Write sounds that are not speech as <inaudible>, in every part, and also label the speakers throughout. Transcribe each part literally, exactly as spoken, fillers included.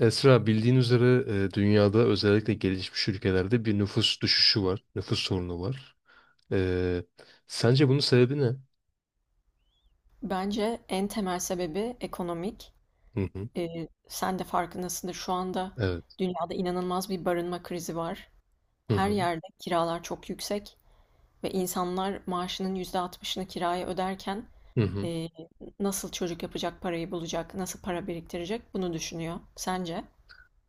Speaker 1: Esra bildiğin üzere e, dünyada özellikle gelişmiş ülkelerde bir nüfus düşüşü var. Nüfus sorunu var. E, Sence bunun sebebi ne?
Speaker 2: Bence en temel sebebi ekonomik.
Speaker 1: Hı hı.
Speaker 2: Ee, sen de farkındasındır. Şu anda
Speaker 1: Evet.
Speaker 2: dünyada inanılmaz bir barınma krizi var.
Speaker 1: Hı
Speaker 2: Her
Speaker 1: hı.
Speaker 2: yerde kiralar çok yüksek ve insanlar maaşının yüzde altmışını kiraya öderken
Speaker 1: Hı hı.
Speaker 2: e, nasıl çocuk yapacak parayı bulacak, nasıl para biriktirecek bunu düşünüyor. Sence?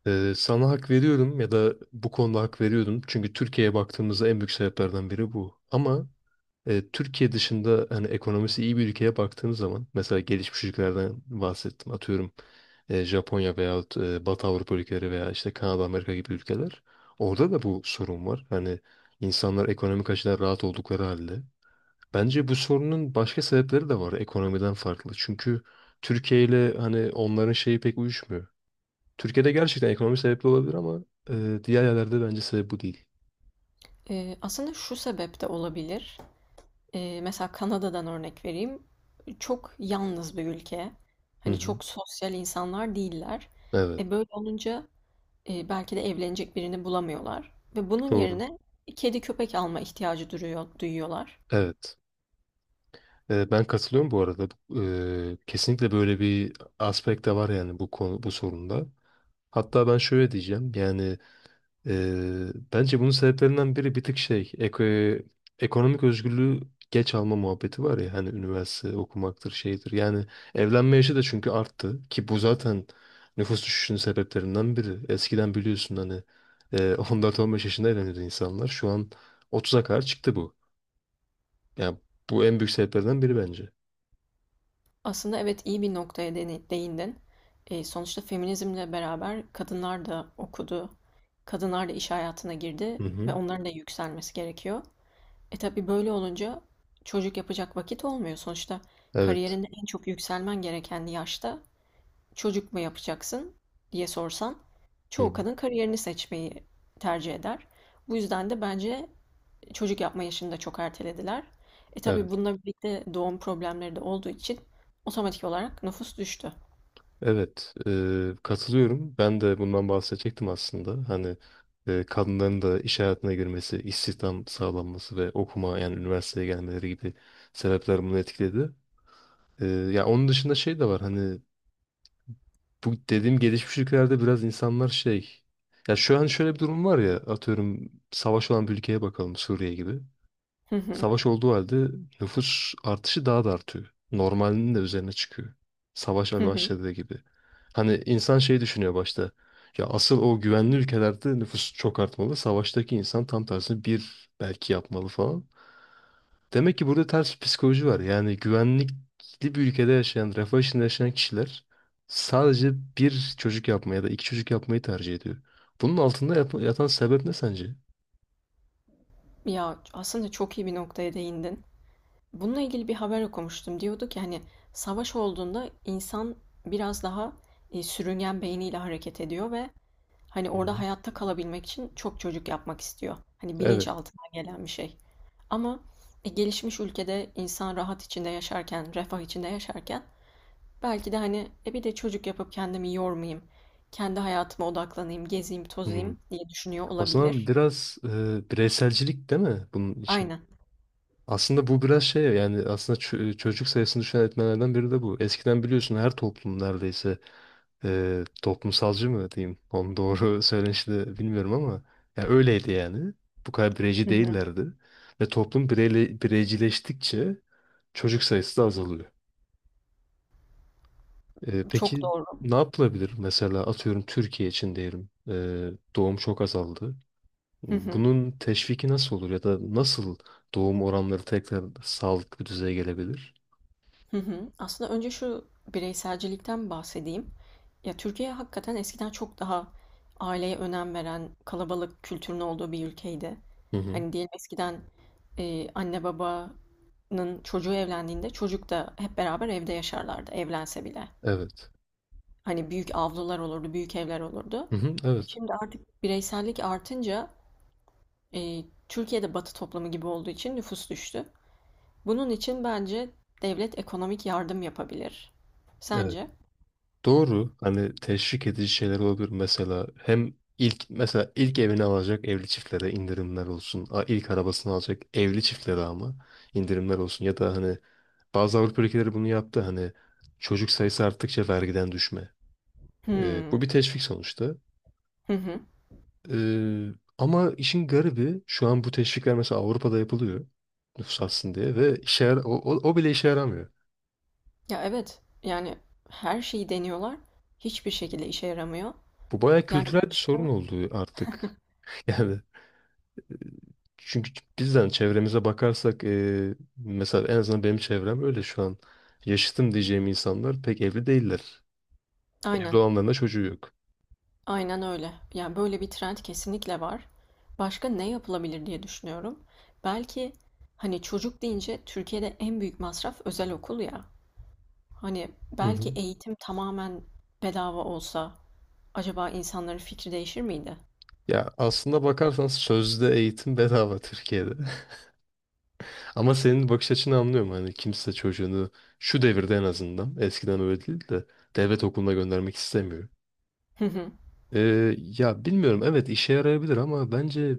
Speaker 1: E, sana hak veriyorum ya da bu konuda hak veriyordum. Çünkü Türkiye'ye baktığımızda en büyük sebeplerden biri bu. Ama E, Türkiye dışında hani ekonomisi iyi bir ülkeye baktığınız zaman mesela gelişmiş ülkelerden bahsettim. Atıyorum e, Japonya veyahut e, Batı Avrupa ülkeleri veya işte Kanada, Amerika gibi ülkeler. Orada da bu sorun var. Hani insanlar ekonomik açıdan rahat oldukları halde. Bence bu sorunun başka sebepleri de var ekonomiden farklı. Çünkü Türkiye ile hani onların şeyi pek uyuşmuyor. Türkiye'de gerçekten ekonomi sebepli olabilir ama e, diğer yerlerde bence sebep bu değil.
Speaker 2: Ee, aslında şu sebep de olabilir. Ee, mesela Kanada'dan örnek vereyim. Çok yalnız bir ülke.
Speaker 1: Hı
Speaker 2: Hani
Speaker 1: hı.
Speaker 2: çok sosyal insanlar değiller.
Speaker 1: Evet.
Speaker 2: E böyle olunca e, belki de evlenecek birini bulamıyorlar ve bunun
Speaker 1: Doğru.
Speaker 2: yerine kedi köpek alma ihtiyacı duruyor, duyuyorlar.
Speaker 1: Evet. Ee, Ben katılıyorum bu arada. Bu, eee, kesinlikle böyle bir aspekt de var yani bu konu, bu sorunda. Hatta ben şöyle diyeceğim yani eee, bence bunun sebeplerinden biri bir tık şey eko- ekonomik özgürlüğü geç alma muhabbeti var ya hani üniversite okumaktır şeydir. Yani evlenme yaşı da çünkü arttı ki bu zaten nüfus düşüşünün sebeplerinden biri. Eskiden biliyorsun hani eee <laughs> on dört on beş yaşında evleniyordu insanlar. Şu an otuza kadar çıktı bu. Yani bu en büyük sebeplerden biri bence.
Speaker 2: Aslında evet iyi bir noktaya deni- değindin. E, sonuçta feminizmle beraber kadınlar da okudu, kadınlar da iş hayatına girdi
Speaker 1: Hı hı.
Speaker 2: ve onların da yükselmesi gerekiyor. E tabii böyle olunca çocuk yapacak vakit olmuyor. Sonuçta
Speaker 1: Evet.
Speaker 2: kariyerinde en çok yükselmen gereken yaşta çocuk mu yapacaksın diye sorsan
Speaker 1: Hı hı.
Speaker 2: çoğu kadın kariyerini seçmeyi tercih eder. Bu yüzden de bence çocuk yapma yaşını da çok ertelediler. E
Speaker 1: Evet.
Speaker 2: tabii bununla birlikte doğum problemleri de olduğu için otomatik olarak nüfus düştü.
Speaker 1: Evet. Ee, katılıyorum. Ben de bundan bahsedecektim aslında. Hani e, kadınların da iş hayatına girmesi, istihdam sağlanması ve okuma yani üniversiteye gelmeleri gibi sebepler bunu etkiledi. Ee, ya onun dışında şey de var. Hani bu dediğim gelişmiş ülkelerde biraz insanlar şey. Ya şu an şöyle bir durum var ya. Atıyorum savaş olan bir ülkeye bakalım Suriye gibi.
Speaker 2: Hı hı,
Speaker 1: Savaş olduğu halde nüfus artışı daha da artıyor. Normalinin de üzerine çıkıyor. Savaş
Speaker 2: hı hı.
Speaker 1: başladığı gibi. Hani insan şey düşünüyor başta. Ya asıl o güvenli ülkelerde nüfus çok artmalı. Savaştaki insan tam tersini bir belki yapmalı falan. Demek ki burada ters bir psikoloji var. Yani güvenlikli bir ülkede yaşayan, refah içinde yaşayan kişiler sadece bir çocuk yapmayı ya da iki çocuk yapmayı tercih ediyor. Bunun altında yat- yatan sebep ne sence?
Speaker 2: Ya aslında çok iyi bir noktaya değindin. Bununla ilgili bir haber okumuştum. Diyordu ki hani savaş olduğunda insan biraz daha e, sürüngen beyniyle hareket ediyor ve hani
Speaker 1: Hı
Speaker 2: orada
Speaker 1: hı.
Speaker 2: hayatta kalabilmek için çok çocuk yapmak istiyor. Hani bilinç
Speaker 1: Evet.
Speaker 2: altından gelen bir şey. Ama e, gelişmiş ülkede insan rahat içinde yaşarken, refah içinde yaşarken belki de hani e bir de çocuk yapıp kendimi yormayayım, kendi hayatıma odaklanayım, gezeyim,
Speaker 1: Hmm.
Speaker 2: tozayım diye düşünüyor
Speaker 1: O zaman
Speaker 2: olabilir.
Speaker 1: biraz e, bireyselcilik değil mi bunun için?
Speaker 2: Aynen.
Speaker 1: Aslında bu biraz şey yani aslında çö- çocuk sayısını düşen etmenlerden biri de bu. Eskiden biliyorsun her toplum neredeyse e, toplumsalcı mı diyeyim? Onun doğru <laughs> söylenişi de bilmiyorum ama ya öyleydi yani. Bu kadar bireyci
Speaker 2: Hı hı.
Speaker 1: değillerdi. Ve toplum bireyle, bireycileştikçe çocuk sayısı da azalıyor. E,
Speaker 2: Çok
Speaker 1: peki
Speaker 2: doğru.
Speaker 1: ne yapılabilir? Mesela atıyorum Türkiye için diyelim. E, doğum çok azaldı.
Speaker 2: Hı hı.
Speaker 1: Bunun teşviki nasıl olur ya da nasıl doğum oranları tekrar sağlıklı düzeye gelebilir?
Speaker 2: Hı hı. Aslında önce şu bireyselcilikten bahsedeyim. Ya Türkiye hakikaten eskiden çok daha aileye önem veren kalabalık kültürün olduğu bir ülkeydi.
Speaker 1: Hı hı.
Speaker 2: Hani diyelim eskiden e, anne babanın çocuğu evlendiğinde çocuk da hep beraber evde yaşarlardı evlense bile.
Speaker 1: Evet.
Speaker 2: Hani büyük avlular olurdu, büyük evler olurdu.
Speaker 1: Hı hı.
Speaker 2: E
Speaker 1: Evet.
Speaker 2: Şimdi artık bireysellik artınca e, Türkiye'de Batı toplumu gibi olduğu için nüfus düştü. Bunun için bence devlet ekonomik yardım yapabilir.
Speaker 1: Evet.
Speaker 2: Sence?
Speaker 1: Doğru. Hani teşvik edici şeyler olabilir. Mesela hem ilk mesela ilk evini alacak evli çiftlere indirimler olsun. A- İlk arabasını alacak evli çiftlere ama indirimler olsun. Ya da hani bazı Avrupa ülkeleri bunu yaptı. Hani çocuk sayısı arttıkça vergiden düşme. Ee,
Speaker 2: Hmm.
Speaker 1: bu bir teşvik sonuçta.
Speaker 2: Hı hı.
Speaker 1: Ee, Ama işin garibi şu an bu teşvikler mesela Avrupa'da yapılıyor nüfus artsın diye ve işe yara- o, o, o bile işe yaramıyor.
Speaker 2: Ya evet. Yani her şeyi deniyorlar. Hiçbir şekilde işe yaramıyor.
Speaker 1: Bu bayağı
Speaker 2: Yani
Speaker 1: kültürel bir sorun
Speaker 2: başka...
Speaker 1: oldu artık. <laughs> Yani çünkü bizden çevremize bakarsak e, mesela en azından benim çevrem öyle şu an. Yaşıtım diyeceğim insanlar pek evli değiller. Evli
Speaker 2: Aynen.
Speaker 1: olanların da çocuğu yok.
Speaker 2: Aynen öyle. Yani böyle bir trend kesinlikle var. Başka ne yapılabilir diye düşünüyorum. Belki hani çocuk deyince Türkiye'de en büyük masraf özel okul ya. Hani
Speaker 1: Hı
Speaker 2: belki
Speaker 1: hı.
Speaker 2: eğitim tamamen bedava olsa acaba insanların fikri değişir miydi?
Speaker 1: Ya aslında bakarsan sözde eğitim bedava Türkiye'de. <laughs> Ama senin bakış açını anlıyorum. Hani kimse çocuğunu şu devirde en azından eskiden öyle değil de devlet okuluna göndermek istemiyor.
Speaker 2: Hı hı,
Speaker 1: Ee, ya bilmiyorum evet işe yarayabilir ama bence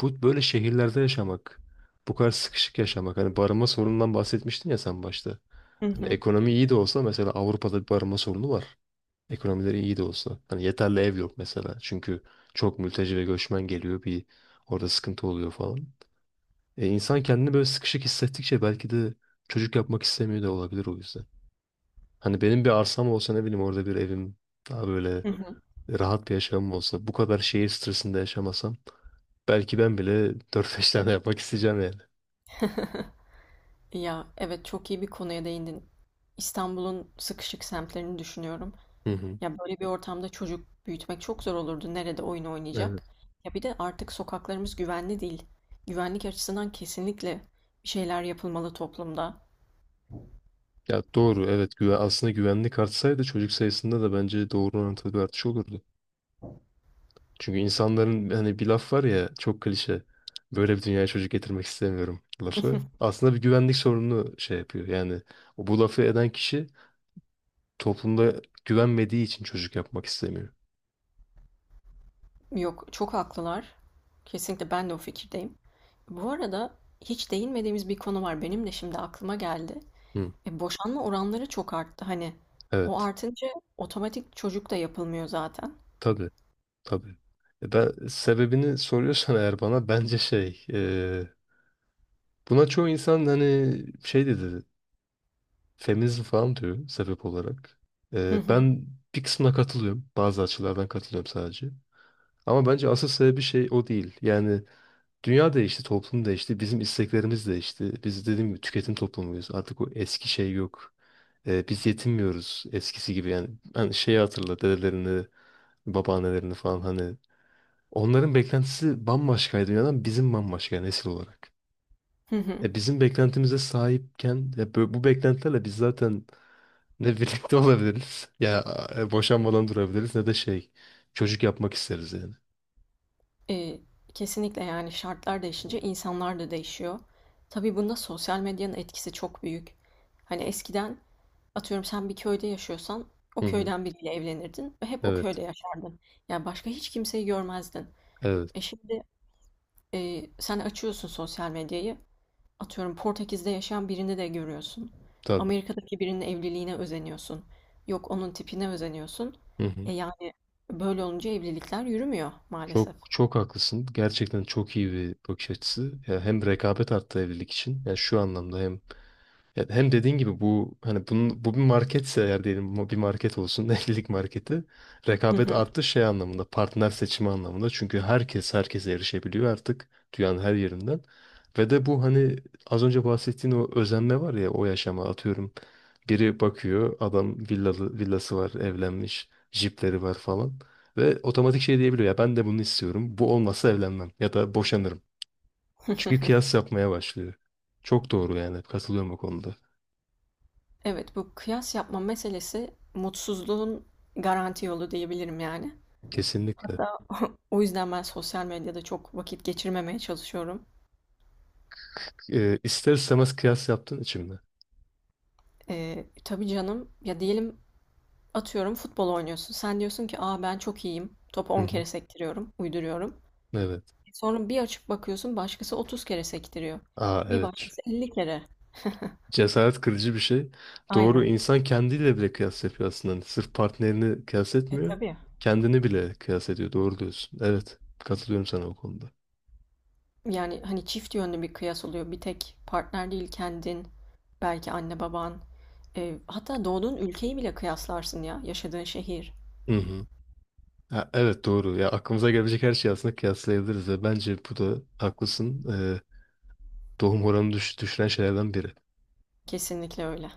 Speaker 1: bu böyle şehirlerde yaşamak, bu kadar sıkışık yaşamak. Hani barınma sorunundan bahsetmiştin ya sen başta.
Speaker 2: hı
Speaker 1: Hani
Speaker 2: hı,
Speaker 1: ekonomi iyi de olsa mesela Avrupa'da bir barınma sorunu var. Ekonomileri iyi de olsa. Hani yeterli ev yok mesela. Çünkü çok mülteci ve göçmen geliyor bir orada sıkıntı oluyor falan. E, insan kendini böyle sıkışık hissettikçe belki de çocuk yapmak istemiyor da olabilir o yüzden. Hani benim bir arsam olsa ne bileyim orada bir evim daha böyle
Speaker 2: hı hı.
Speaker 1: rahat bir yaşamım olsa bu kadar şehir stresinde yaşamasam belki ben bile <laughs> dört beş tane yapmak isteyeceğim yani.
Speaker 2: <laughs> Ya evet çok iyi bir konuya değindin. İstanbul'un sıkışık semtlerini düşünüyorum.
Speaker 1: Hı hı.
Speaker 2: Ya böyle bir ortamda çocuk büyütmek çok zor olurdu. Nerede oyun
Speaker 1: Evet.
Speaker 2: oynayacak? Ya bir de artık sokaklarımız güvenli değil. Güvenlik açısından kesinlikle bir şeyler yapılmalı toplumda.
Speaker 1: Ya doğru evet güven, aslında güvenlik artsaydı çocuk sayısında da bence doğru orantılı bir artış olurdu. Çünkü insanların hani bir laf var ya çok klişe böyle bir dünyaya çocuk getirmek istemiyorum lafı. Aslında bir güvenlik sorununu şey yapıyor yani o bu lafı eden kişi toplumda güvenmediği için çocuk yapmak istemiyor.
Speaker 2: Yok, çok haklılar. Kesinlikle ben de o fikirdeyim. Bu arada hiç değinmediğimiz bir konu var. Benim de şimdi aklıma geldi.
Speaker 1: Hı,
Speaker 2: E, boşanma oranları çok arttı. Hani o
Speaker 1: evet.
Speaker 2: artınca otomatik çocuk da yapılmıyor zaten.
Speaker 1: Tabii, tabii. E Ben sebebini soruyorsan eğer bana bence şey e, buna çoğu insan hani şey dedi feminizm falan diyor sebep olarak.
Speaker 2: Hı
Speaker 1: E,
Speaker 2: hı.
Speaker 1: ben bir kısmına katılıyorum. Bazı açılardan katılıyorum sadece. Ama bence asıl sebebi şey o değil. Yani dünya değişti, toplum değişti, bizim isteklerimiz değişti. Biz dediğim gibi tüketim toplumuyuz. Artık o eski şey yok. Ee, biz yetinmiyoruz eskisi gibi yani. Ben şeyi hatırla dedelerini, babaannelerini falan hani. Onların beklentisi bambaşkaydı dünyadan bizim bambaşka nesil olarak.
Speaker 2: Hı hı.
Speaker 1: E, bizim beklentimize sahipken ya bu, bu beklentilerle biz zaten ne birlikte <laughs> olabiliriz ya e, boşanmadan durabiliriz ne de şey çocuk yapmak isteriz yani.
Speaker 2: Eee, kesinlikle yani şartlar değişince insanlar da değişiyor. Tabii bunda sosyal medyanın etkisi çok büyük. Hani eskiden atıyorum sen bir köyde yaşıyorsan o
Speaker 1: Hı hı.
Speaker 2: köyden biriyle evlenirdin ve hep o
Speaker 1: Evet.
Speaker 2: köyde yaşardın. Yani başka hiç kimseyi görmezdin. E
Speaker 1: Evet.
Speaker 2: şimdi e, sen açıyorsun sosyal medyayı. Atıyorum Portekiz'de yaşayan birini de görüyorsun.
Speaker 1: Tabii.
Speaker 2: Amerika'daki birinin evliliğine özeniyorsun. Yok onun tipine özeniyorsun.
Speaker 1: Hı hı.
Speaker 2: E yani böyle olunca evlilikler yürümüyor
Speaker 1: Çok
Speaker 2: maalesef.
Speaker 1: çok haklısın. Gerçekten çok iyi bir bakış açısı. Ya hem rekabet arttı evlilik için. Yani şu anlamda hem ya hem dediğin gibi bu hani bunun, bu bir marketse eğer diyelim bu bir market olsun <laughs> evlilik marketi
Speaker 2: Hı
Speaker 1: rekabet
Speaker 2: hı.
Speaker 1: arttı şey anlamında partner seçimi anlamında çünkü herkes herkese erişebiliyor artık dünyanın her yerinden ve de bu hani az önce bahsettiğin o özenme var ya o yaşama atıyorum biri bakıyor adam villalı, villası var evlenmiş jipleri var falan ve otomatik şey diyebiliyor ya ben de bunu istiyorum bu olmazsa evlenmem ya da boşanırım çünkü kıyas yapmaya başlıyor. Çok doğru yani katılıyorum bu konuda.
Speaker 2: Evet, bu kıyas yapma meselesi mutsuzluğun garanti yolu diyebilirim yani.
Speaker 1: Kesinlikle.
Speaker 2: Hatta <laughs> o yüzden ben sosyal medyada çok vakit geçirmemeye çalışıyorum.
Speaker 1: Ee, ister istemez kıyas yaptın içimde.
Speaker 2: Ee, tabii canım ya diyelim atıyorum futbol oynuyorsun. Sen diyorsun ki aa ben çok iyiyim. Topu
Speaker 1: Hı
Speaker 2: on
Speaker 1: hı.
Speaker 2: kere sektiriyorum, uyduruyorum.
Speaker 1: Evet.
Speaker 2: Sonra bir açıp bakıyorsun başkası otuz kere sektiriyor.
Speaker 1: Aa
Speaker 2: Bir
Speaker 1: evet.
Speaker 2: başkası elli kere. <laughs>
Speaker 1: Cesaret kırıcı bir şey. Doğru
Speaker 2: Aynen.
Speaker 1: insan kendiyle bile kıyas yapıyor aslında. Hani sırf partnerini kıyas
Speaker 2: E
Speaker 1: etmiyor.
Speaker 2: tabii.
Speaker 1: Kendini bile kıyas ediyor. Doğru diyorsun. Evet. Katılıyorum sana o konuda.
Speaker 2: Yani hani çift yönlü bir kıyas oluyor. Bir tek partner değil kendin, belki anne baban, Eee, hatta doğduğun ülkeyi bile kıyaslarsın ya, yaşadığın şehir.
Speaker 1: Hı hı. Ha, evet doğru. Ya aklımıza gelecek her şeyi aslında kıyaslayabiliriz ve bence bu da haklısın. Ee, doğum oranı düş düşüren şeylerden biri.
Speaker 2: Kesinlikle öyle.